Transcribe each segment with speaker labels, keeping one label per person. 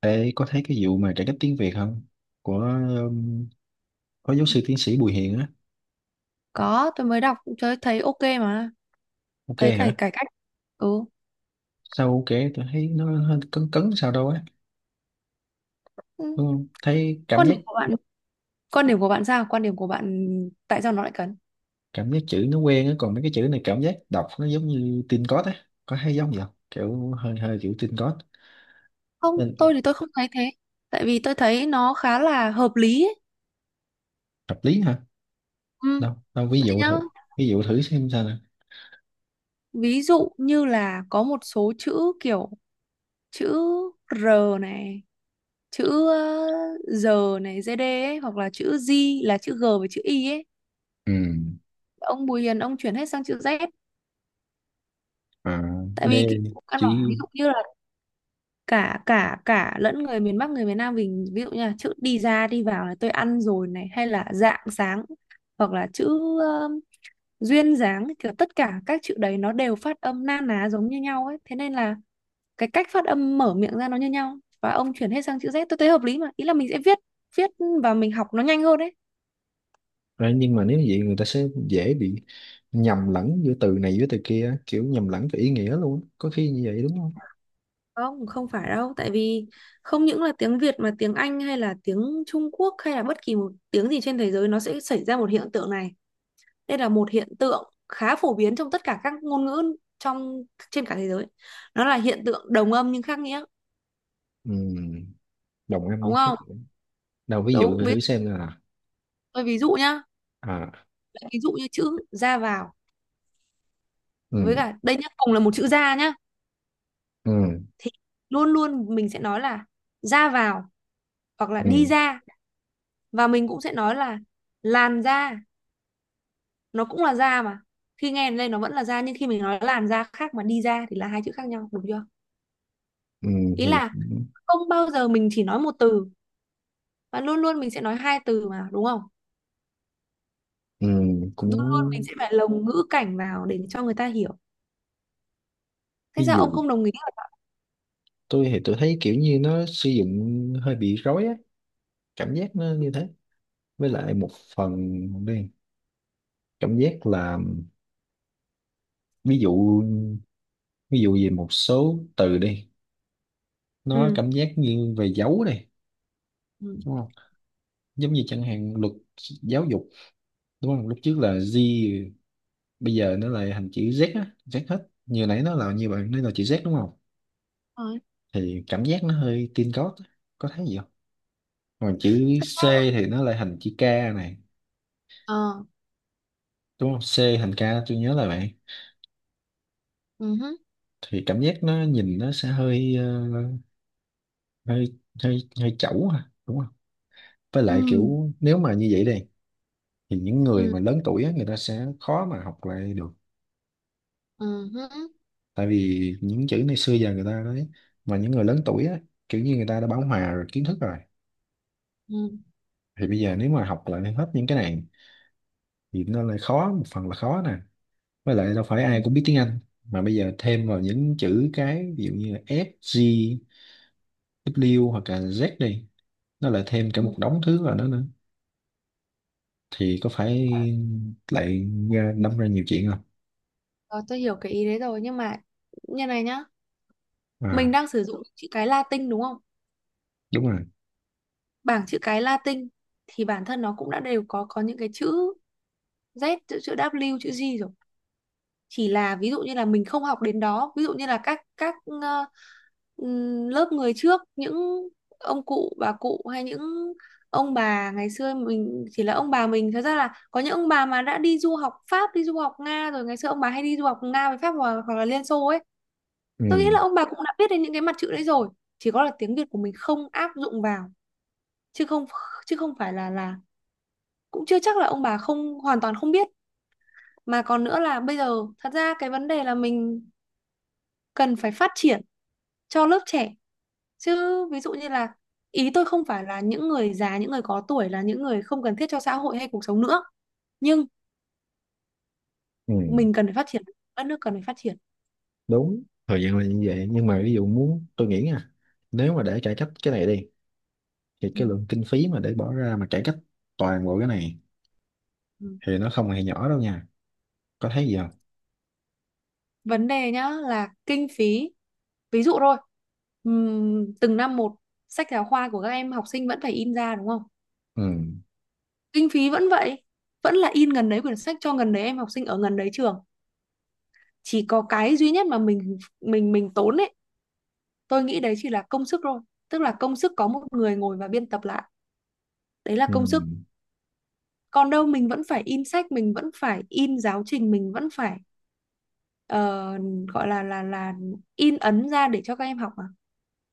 Speaker 1: Ê, có thấy cái vụ mà cải cách tiếng Việt không? Của um, có giáo sư tiến sĩ Bùi Hiền á.
Speaker 2: Có, tôi mới đọc tôi thấy ok mà,
Speaker 1: Ok
Speaker 2: thấy cải
Speaker 1: hả?
Speaker 2: cải cách. Ừ.
Speaker 1: Sao ok? Tôi thấy nó hơi cấn cấn sao đâu á.
Speaker 2: Ừ.
Speaker 1: Đúng không? Thấy cảm
Speaker 2: Quan
Speaker 1: giác
Speaker 2: điểm của bạn, quan điểm của bạn sao? Quan điểm của bạn tại sao nó lại cấn?
Speaker 1: cảm giác chữ nó quen á. Còn mấy cái chữ này cảm giác đọc nó giống như tin cót á. Có thấy giống gì không? Kiểu hơi hơi kiểu tin cót.
Speaker 2: Không,
Speaker 1: Nên
Speaker 2: tôi thì tôi không thấy thế. Tại vì tôi thấy nó khá là hợp lý ấy.
Speaker 1: hợp lý hả?
Speaker 2: Ừ.
Speaker 1: Đâu, đâu ví
Speaker 2: Đấy
Speaker 1: dụ
Speaker 2: nhá.
Speaker 1: thử. Ví dụ thử xem sao nè.
Speaker 2: Ví dụ như là có một số chữ kiểu chữ R này, chữ R này, ZD ấy, hoặc là chữ Z là chữ G với chữ Y ấy.
Speaker 1: Ừ.
Speaker 2: Ông Bùi Hiền ông chuyển hết sang chữ Z.
Speaker 1: À,
Speaker 2: Tại
Speaker 1: D
Speaker 2: vì kiểu căn
Speaker 1: chữ
Speaker 2: bản, ví dụ như là cả cả cả lẫn người miền Bắc người miền Nam mình, ví dụ như là chữ đi ra đi vào là tôi ăn rồi này hay là rạng sáng, hoặc là chữ um, duyên dáng, kiểu tất cả các chữ đấy nó đều phát âm na ná giống như nhau ấy, thế nên là cái cách phát âm mở miệng ra nó như nhau, và ông chuyển hết sang chữ Z tôi thấy hợp lý mà. Ý là mình sẽ viết viết và mình học nó nhanh hơn đấy.
Speaker 1: đấy nhưng mà nếu như vậy người ta sẽ dễ bị nhầm lẫn giữa từ này với từ kia á, kiểu nhầm lẫn về ý nghĩa luôn á. Có khi như vậy đúng không?
Speaker 2: Không, không phải đâu, tại vì không những là tiếng Việt mà tiếng Anh hay là tiếng Trung Quốc hay là bất kỳ một tiếng gì trên thế giới nó sẽ xảy ra một hiện tượng này. Đây là một hiện tượng khá phổ biến trong tất cả các ngôn ngữ trong trên cả thế giới. Nó là hiện tượng đồng âm nhưng khác nghĩa,
Speaker 1: Ừ, đồng âm với
Speaker 2: đúng
Speaker 1: khác
Speaker 2: không?
Speaker 1: đâu ví dụ
Speaker 2: Đúng,
Speaker 1: tôi thử xem là
Speaker 2: tôi ví dụ nhá,
Speaker 1: à.
Speaker 2: ví dụ như chữ ra vào với
Speaker 1: Ừ,
Speaker 2: cả đây nhá, cùng là một chữ ra nhá
Speaker 1: ừ,
Speaker 2: thì luôn luôn mình sẽ nói là ra vào hoặc là đi
Speaker 1: ừ,
Speaker 2: ra, và mình cũng sẽ nói là làn da, nó cũng là da mà. Khi nghe đến đây nó vẫn là da, nhưng khi mình nói làn da khác mà đi ra thì là hai chữ khác nhau, đúng chưa?
Speaker 1: ừ,
Speaker 2: Ý
Speaker 1: thì
Speaker 2: là không bao giờ mình chỉ nói một từ, và luôn luôn mình sẽ nói hai từ mà, đúng không?
Speaker 1: ừ,
Speaker 2: Luôn luôn mình
Speaker 1: cũng
Speaker 2: sẽ phải lồng ngữ cảnh vào để cho người ta hiểu. Thế
Speaker 1: ví
Speaker 2: sao ông
Speaker 1: dụ
Speaker 2: không đồng ý hả?
Speaker 1: tôi thì tôi thấy kiểu như nó sử dụng hơi bị rối á, cảm giác nó như thế. Với lại một phần đi, cảm giác là ví dụ, ví dụ về một số từ đi, nó
Speaker 2: Ừ.
Speaker 1: cảm giác như về dấu này
Speaker 2: Ừ.
Speaker 1: đúng không? Giống như chẳng hạn luật giáo dục, đúng không, lúc trước là Z, bây giờ nó lại thành chữ Z á, Z hết như nãy nó là như bạn nói là chữ Z đúng không,
Speaker 2: Thôi.
Speaker 1: thì cảm giác nó hơi teen code á. Có thấy gì không? Còn chữ
Speaker 2: Thật
Speaker 1: C
Speaker 2: ra là-
Speaker 1: thì nó lại thành chữ K này,
Speaker 2: ờ.
Speaker 1: đúng không, C thành K tôi nhớ là vậy,
Speaker 2: Ừ hứ.
Speaker 1: thì cảm giác nó nhìn nó sẽ hơi hơi hơi chẩu ha đúng không. Với
Speaker 2: Ừ.
Speaker 1: lại kiểu nếu mà như vậy đây thì những người
Speaker 2: Ừ.
Speaker 1: mà lớn tuổi á, người ta sẽ khó mà học lại được.
Speaker 2: Ừ hứ.
Speaker 1: Tại vì những chữ này xưa giờ người ta nói, mà những người lớn tuổi á, kiểu như người ta đã bão hòa rồi, kiến thức rồi,
Speaker 2: Ừ.
Speaker 1: thì bây giờ nếu mà học lại hết những cái này thì nó lại khó, một phần là khó nè, với lại đâu phải ai
Speaker 2: Ừ.
Speaker 1: cũng biết tiếng Anh, mà bây giờ thêm vào những chữ cái ví dụ như là F, G, W hoặc là Z đi, nó lại thêm cả
Speaker 2: Ừ.
Speaker 1: một đống thứ vào đó nữa, thì có phải lại đâm ra nhiều chuyện không?
Speaker 2: Rồi, tôi hiểu cái ý đấy rồi, nhưng mà như này nhá, mình
Speaker 1: À
Speaker 2: đang sử dụng chữ cái Latin đúng không,
Speaker 1: đúng rồi.
Speaker 2: bảng chữ cái Latin thì bản thân nó cũng đã đều có những cái chữ Z chữ chữ W chữ G rồi, chỉ là ví dụ như là mình không học đến đó, ví dụ như là các ờ, lớp người trước, những ông cụ bà cụ hay những ông bà ngày xưa mình, chỉ là ông bà mình thật ra là có những ông bà mà đã đi du học Pháp đi du học Nga rồi, ngày xưa ông bà hay đi du học Nga với Pháp, hoặc là Liên Xô ấy,
Speaker 1: Ừ.
Speaker 2: tôi nghĩ là ông bà cũng đã biết đến những cái mặt chữ đấy rồi, chỉ có là tiếng Việt của mình không áp dụng vào chứ không chứ không phải là cũng chưa chắc là ông bà không hoàn toàn không biết. Mà còn nữa là bây giờ thật ra cái vấn đề là mình cần phải phát triển cho lớp trẻ chứ, ví dụ như là ý tôi không phải là những người già những người có tuổi là những người không cần thiết cho xã hội hay cuộc sống nữa, nhưng
Speaker 1: Ừ,
Speaker 2: mình cần phải phát triển, đất nước cần phải phát triển.
Speaker 1: đúng thời gian là như vậy nhưng mà ví dụ muốn tôi nghĩ nha, nếu mà để cải cách cái này đi thì
Speaker 2: Ừ.
Speaker 1: cái lượng kinh phí mà để bỏ ra mà cải cách toàn bộ cái này
Speaker 2: Ừ.
Speaker 1: thì nó không hề nhỏ đâu nha, có thấy gì không?
Speaker 2: Vấn đề nhá là kinh phí, ví dụ thôi, từng năm một sách giáo khoa của các em học sinh vẫn phải in ra đúng không,
Speaker 1: Ừ.
Speaker 2: kinh phí vẫn vậy, vẫn là in gần đấy quyển sách cho gần đấy em học sinh ở gần đấy trường, chỉ có cái duy nhất mà mình tốn ấy, tôi nghĩ đấy chỉ là công sức thôi, tức là công sức có một người ngồi và biên tập lại, đấy là
Speaker 1: Ừ.
Speaker 2: công sức, còn đâu mình vẫn phải in sách, mình vẫn phải in giáo trình, mình vẫn phải ờ, gọi là là in ấn ra để cho các em học mà.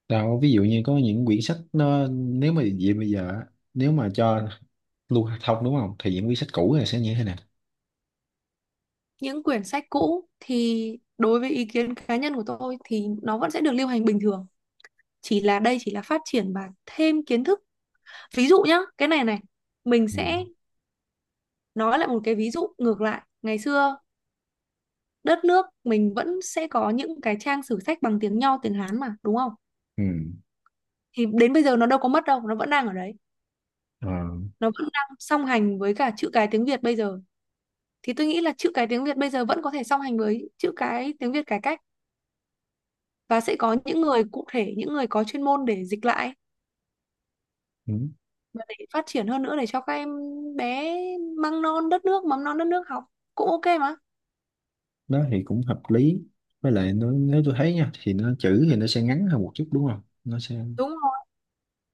Speaker 1: Đâu ví dụ như có những quyển sách nó nếu mà vậy bây giờ á, nếu mà cho lưu thông đúng không thì những quyển sách cũ này sẽ như thế nè.
Speaker 2: Những quyển sách cũ thì đối với ý kiến cá nhân của tôi thì nó vẫn sẽ được lưu hành bình thường, chỉ là đây chỉ là phát triển và thêm kiến thức. Ví dụ nhá, cái này này, mình
Speaker 1: Ừ.
Speaker 2: sẽ nói lại một cái ví dụ ngược lại, ngày xưa đất nước mình vẫn sẽ có những cái trang sử sách bằng tiếng Nho, tiếng Hán mà, đúng không?
Speaker 1: Ừ.
Speaker 2: Thì đến bây giờ nó đâu có mất đâu, nó vẫn đang ở đấy.
Speaker 1: Ờ.
Speaker 2: Nó vẫn đang song hành với cả chữ cái tiếng Việt bây giờ. Thì tôi nghĩ là chữ cái tiếng Việt bây giờ vẫn có thể song hành với chữ cái tiếng Việt cải cách, và sẽ có những người cụ thể, những người có chuyên môn để dịch lại
Speaker 1: Ừ.
Speaker 2: và để phát triển hơn nữa để cho các em bé măng non đất nước, mầm non đất nước học cũng ok mà.
Speaker 1: Đó thì cũng hợp lý, với lại nó, nếu tôi thấy nha thì nó chữ thì nó sẽ ngắn hơn một chút đúng không, nó sẽ
Speaker 2: Đúng rồi.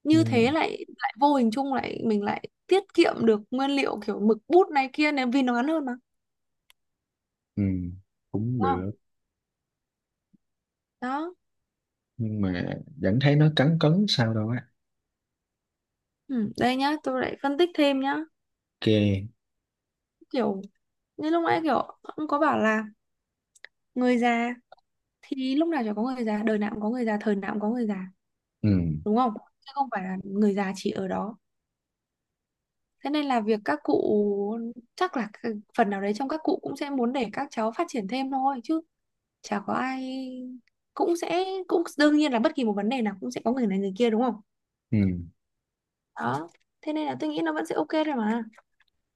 Speaker 2: Như thế
Speaker 1: nhưng
Speaker 2: lại lại vô hình chung lại mình lại tiết kiệm được nguyên liệu kiểu mực bút này kia, nếu vì nó ngắn hơn mà.
Speaker 1: ừ cũng
Speaker 2: Đúng không?
Speaker 1: được.
Speaker 2: Đó.
Speaker 1: Nhưng mà vẫn thấy nó cấn cấn sao đâu á.
Speaker 2: Ừ, đây nhá, tôi lại phân tích thêm nhá,
Speaker 1: Ok.
Speaker 2: kiểu như lúc nãy kiểu ông có bảo là người già, thì lúc nào chả có người già, đời nào cũng có người già, thời nào cũng có người già,
Speaker 1: Ừ.
Speaker 2: đúng không, chứ không phải là người già chỉ ở đó. Thế nên là việc các cụ chắc là cái phần nào đấy trong các cụ cũng sẽ muốn để các cháu phát triển thêm thôi chứ, chả có ai, cũng sẽ cũng đương nhiên là bất kỳ một vấn đề nào cũng sẽ có người này người kia, đúng không?
Speaker 1: Ừ.
Speaker 2: Đó, thế nên là tôi nghĩ nó vẫn sẽ ok thôi mà.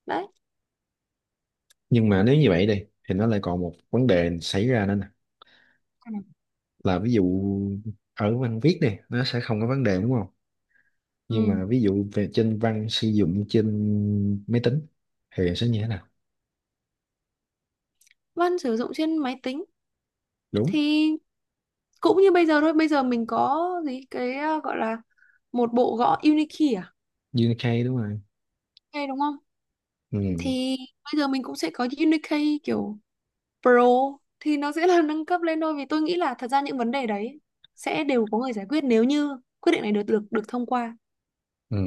Speaker 2: Đấy.
Speaker 1: Nhưng mà nếu như vậy đi thì nó lại còn một vấn đề xảy ra nữa nè, là ví dụ ở văn viết này nó sẽ không có vấn đề đúng không, nhưng
Speaker 2: Ừ.
Speaker 1: mà ví dụ về trên văn sử dụng trên máy tính thì sẽ như thế nào?
Speaker 2: Vân sử dụng trên máy tính
Speaker 1: Đúng.
Speaker 2: thì cũng như bây giờ thôi, bây giờ mình có gì cái gọi là một bộ gõ Unikey à,
Speaker 1: Unicode đúng rồi.
Speaker 2: hay đúng không,
Speaker 1: Ừ,
Speaker 2: thì bây giờ mình cũng sẽ có Unikey kiểu Pro, thì nó sẽ là nâng cấp lên thôi, vì tôi nghĩ là thật ra những vấn đề đấy sẽ đều có người giải quyết. Nếu như quyết định này được được được thông qua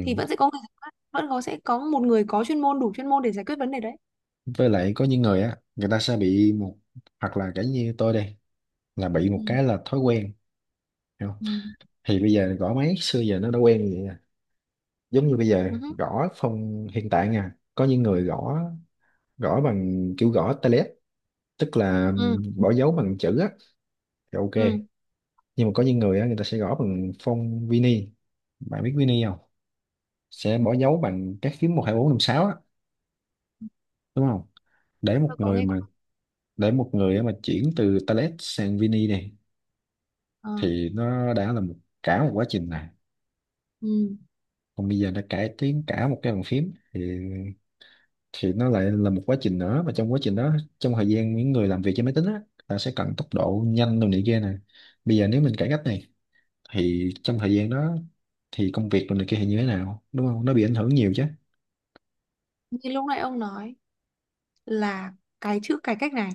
Speaker 2: thì vẫn sẽ có người giải quyết, vẫn có sẽ có một người có chuyên môn đủ chuyên môn để giải quyết vấn đề đấy.
Speaker 1: Với lại có những người á người ta sẽ bị một, hoặc là cả như tôi đây, là bị một
Speaker 2: Ừ.
Speaker 1: cái là thói quen, hiểu không?
Speaker 2: Ừ.
Speaker 1: Thì bây giờ gõ máy xưa giờ nó đã quen vậy à. Giống như bây giờ
Speaker 2: Ừ hứ.
Speaker 1: gõ phong hiện tại nha, có những người gõ, gõ bằng kiểu gõ tay, tức là
Speaker 2: Ừ.
Speaker 1: bỏ dấu bằng chữ á, thì ok.
Speaker 2: Ừ.
Speaker 1: Nhưng mà có những người á người ta sẽ gõ bằng phông Vini, bạn biết Vini không, sẽ bỏ dấu bằng các phím một hai bốn năm sáu á, đúng không? Để một
Speaker 2: Tôi có
Speaker 1: người
Speaker 2: nghe qua.
Speaker 1: mà, để một người á mà chuyển từ Talet sang Vini này
Speaker 2: Ờ.
Speaker 1: thì nó đã là một, cả một quá trình này.
Speaker 2: Ừ.
Speaker 1: Còn bây giờ đã cải tiến cả một cái bàn phím thì nó lại là một quá trình nữa, mà trong quá trình đó, trong thời gian những người làm việc trên máy tính á, ta sẽ cần tốc độ nhanh đồ này kia nè, bây giờ nếu mình cải cách này thì trong thời gian đó thì công việc rồi này kia thì như thế nào, đúng không, nó bị ảnh hưởng nhiều chứ.
Speaker 2: Như lúc nãy ông nói là cái chữ cải cách này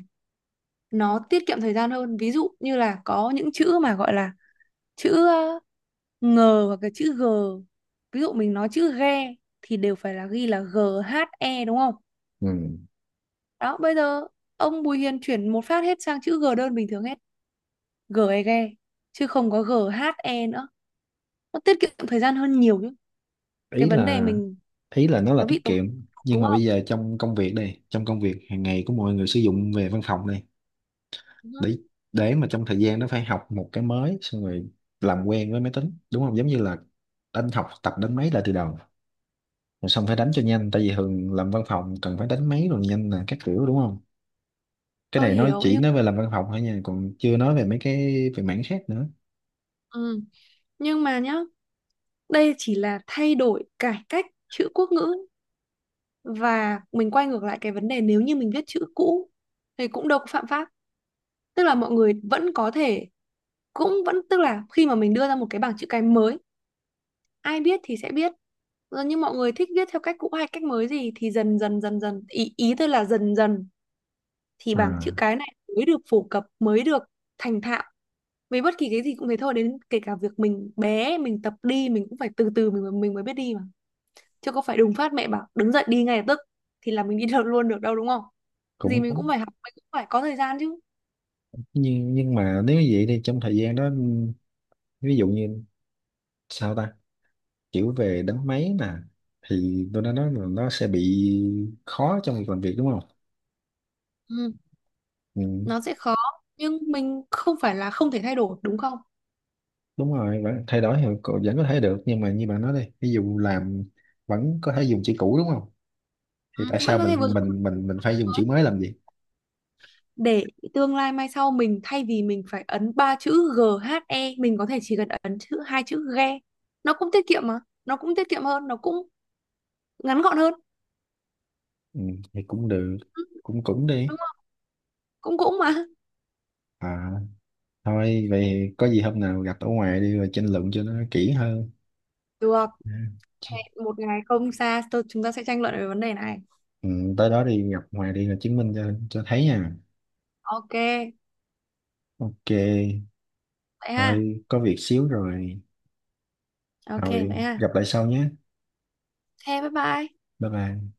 Speaker 2: nó tiết kiệm thời gian hơn, ví dụ như là có những chữ mà gọi là chữ ngờ hoặc là chữ g, ví dụ mình nói chữ ghe thì đều phải là ghi là g h e đúng không.
Speaker 1: Ừ.
Speaker 2: Đó, bây giờ ông Bùi Hiền chuyển một phát hết sang chữ g đơn bình thường hết, g e ghe chứ không có g h e nữa, nó tiết kiệm thời gian hơn nhiều chứ. Cái
Speaker 1: Ý
Speaker 2: vấn đề
Speaker 1: là,
Speaker 2: mình
Speaker 1: ý là nó là
Speaker 2: nó bị
Speaker 1: tiết
Speaker 2: tốn,
Speaker 1: kiệm, nhưng
Speaker 2: đúng
Speaker 1: mà
Speaker 2: không?
Speaker 1: bây giờ trong công việc đây, trong công việc hàng ngày của mọi người sử dụng về văn phòng đây,
Speaker 2: Ừ,
Speaker 1: để để mà trong thời gian nó phải học một cái mới xong rồi làm quen với máy tính đúng không, giống như là đánh, học tập đánh máy lại từ đầu, rồi xong phải đánh cho nhanh tại vì thường làm văn phòng cần phải đánh máy rồi nhanh là các kiểu đúng không. Cái
Speaker 2: tôi
Speaker 1: này nói
Speaker 2: hiểu
Speaker 1: chỉ
Speaker 2: nhưng
Speaker 1: nói về làm văn phòng thôi nha, còn chưa nói về mấy cái về mảng khác nữa.
Speaker 2: ừ. Nhưng mà nhá, đây chỉ là thay đổi cải cách chữ quốc ngữ, và mình quay ngược lại cái vấn đề, nếu như mình viết chữ cũ thì cũng đâu có phạm pháp, tức là mọi người vẫn có thể, cũng vẫn tức là khi mà mình đưa ra một cái bảng chữ cái mới, ai biết thì sẽ biết rồi, nhưng mọi người thích viết theo cách cũ hay cách mới gì thì dần dần dần dần ý ý tôi là dần dần thì bảng chữ
Speaker 1: À
Speaker 2: cái này mới được phổ cập, mới được thành thạo. Với bất kỳ cái gì cũng thế thôi, đến kể cả việc mình bé mình tập đi mình cũng phải từ từ mình mới biết đi mà, chứ có phải đùng phát mẹ bảo đứng dậy đi ngay lập tức thì là mình đi được luôn được đâu, đúng không? Gì
Speaker 1: cũng
Speaker 2: mình cũng
Speaker 1: đúng.
Speaker 2: phải học, mình cũng phải có thời gian chứ.
Speaker 1: Nhưng mà nếu như vậy thì trong thời gian đó ví dụ như sao ta, kiểu về đánh máy nè, thì tôi đã nói là nó sẽ bị khó trong việc làm việc đúng không.
Speaker 2: Ừ,
Speaker 1: Ừ,
Speaker 2: nó sẽ khó, nhưng mình không phải là không thể thay đổi, đúng không?
Speaker 1: đúng rồi vẫn thay đổi thì cậu vẫn có thể được, nhưng mà như bạn nói đây ví dụ làm, vẫn có thể dùng chữ cũ đúng không,
Speaker 2: Ừ,
Speaker 1: thì tại
Speaker 2: vẫn
Speaker 1: sao
Speaker 2: có thể vừa
Speaker 1: mình
Speaker 2: dùng mới
Speaker 1: mình mình mình phải dùng chữ mới làm gì.
Speaker 2: để tương lai mai sau, mình thay vì mình phải ấn ba chữ g h e, mình có thể chỉ cần ấn chữ hai chữ GE, nó cũng tiết kiệm mà, nó cũng tiết kiệm hơn, nó cũng ngắn gọn hơn.
Speaker 1: Ừ, thì cũng được.
Speaker 2: Ừ,
Speaker 1: Cũng cũng đi.
Speaker 2: đúng không? Cũng cũng mà,
Speaker 1: À thôi vậy có gì hôm nào gặp ở ngoài đi rồi tranh luận cho nó kỹ hơn.
Speaker 2: được.
Speaker 1: Ừ.
Speaker 2: Hẹn một ngày không xa chúng ta sẽ tranh luận về vấn đề này.
Speaker 1: Ừ, tới đó đi gặp Hòa đi là chứng minh cho thấy nha.
Speaker 2: Ok,
Speaker 1: Ok,
Speaker 2: vậy ha.
Speaker 1: thôi có việc xíu rồi.
Speaker 2: Ok
Speaker 1: Thôi
Speaker 2: vậy ha.
Speaker 1: gặp lại sau nhé.
Speaker 2: Thế bye bye.
Speaker 1: Bye bye.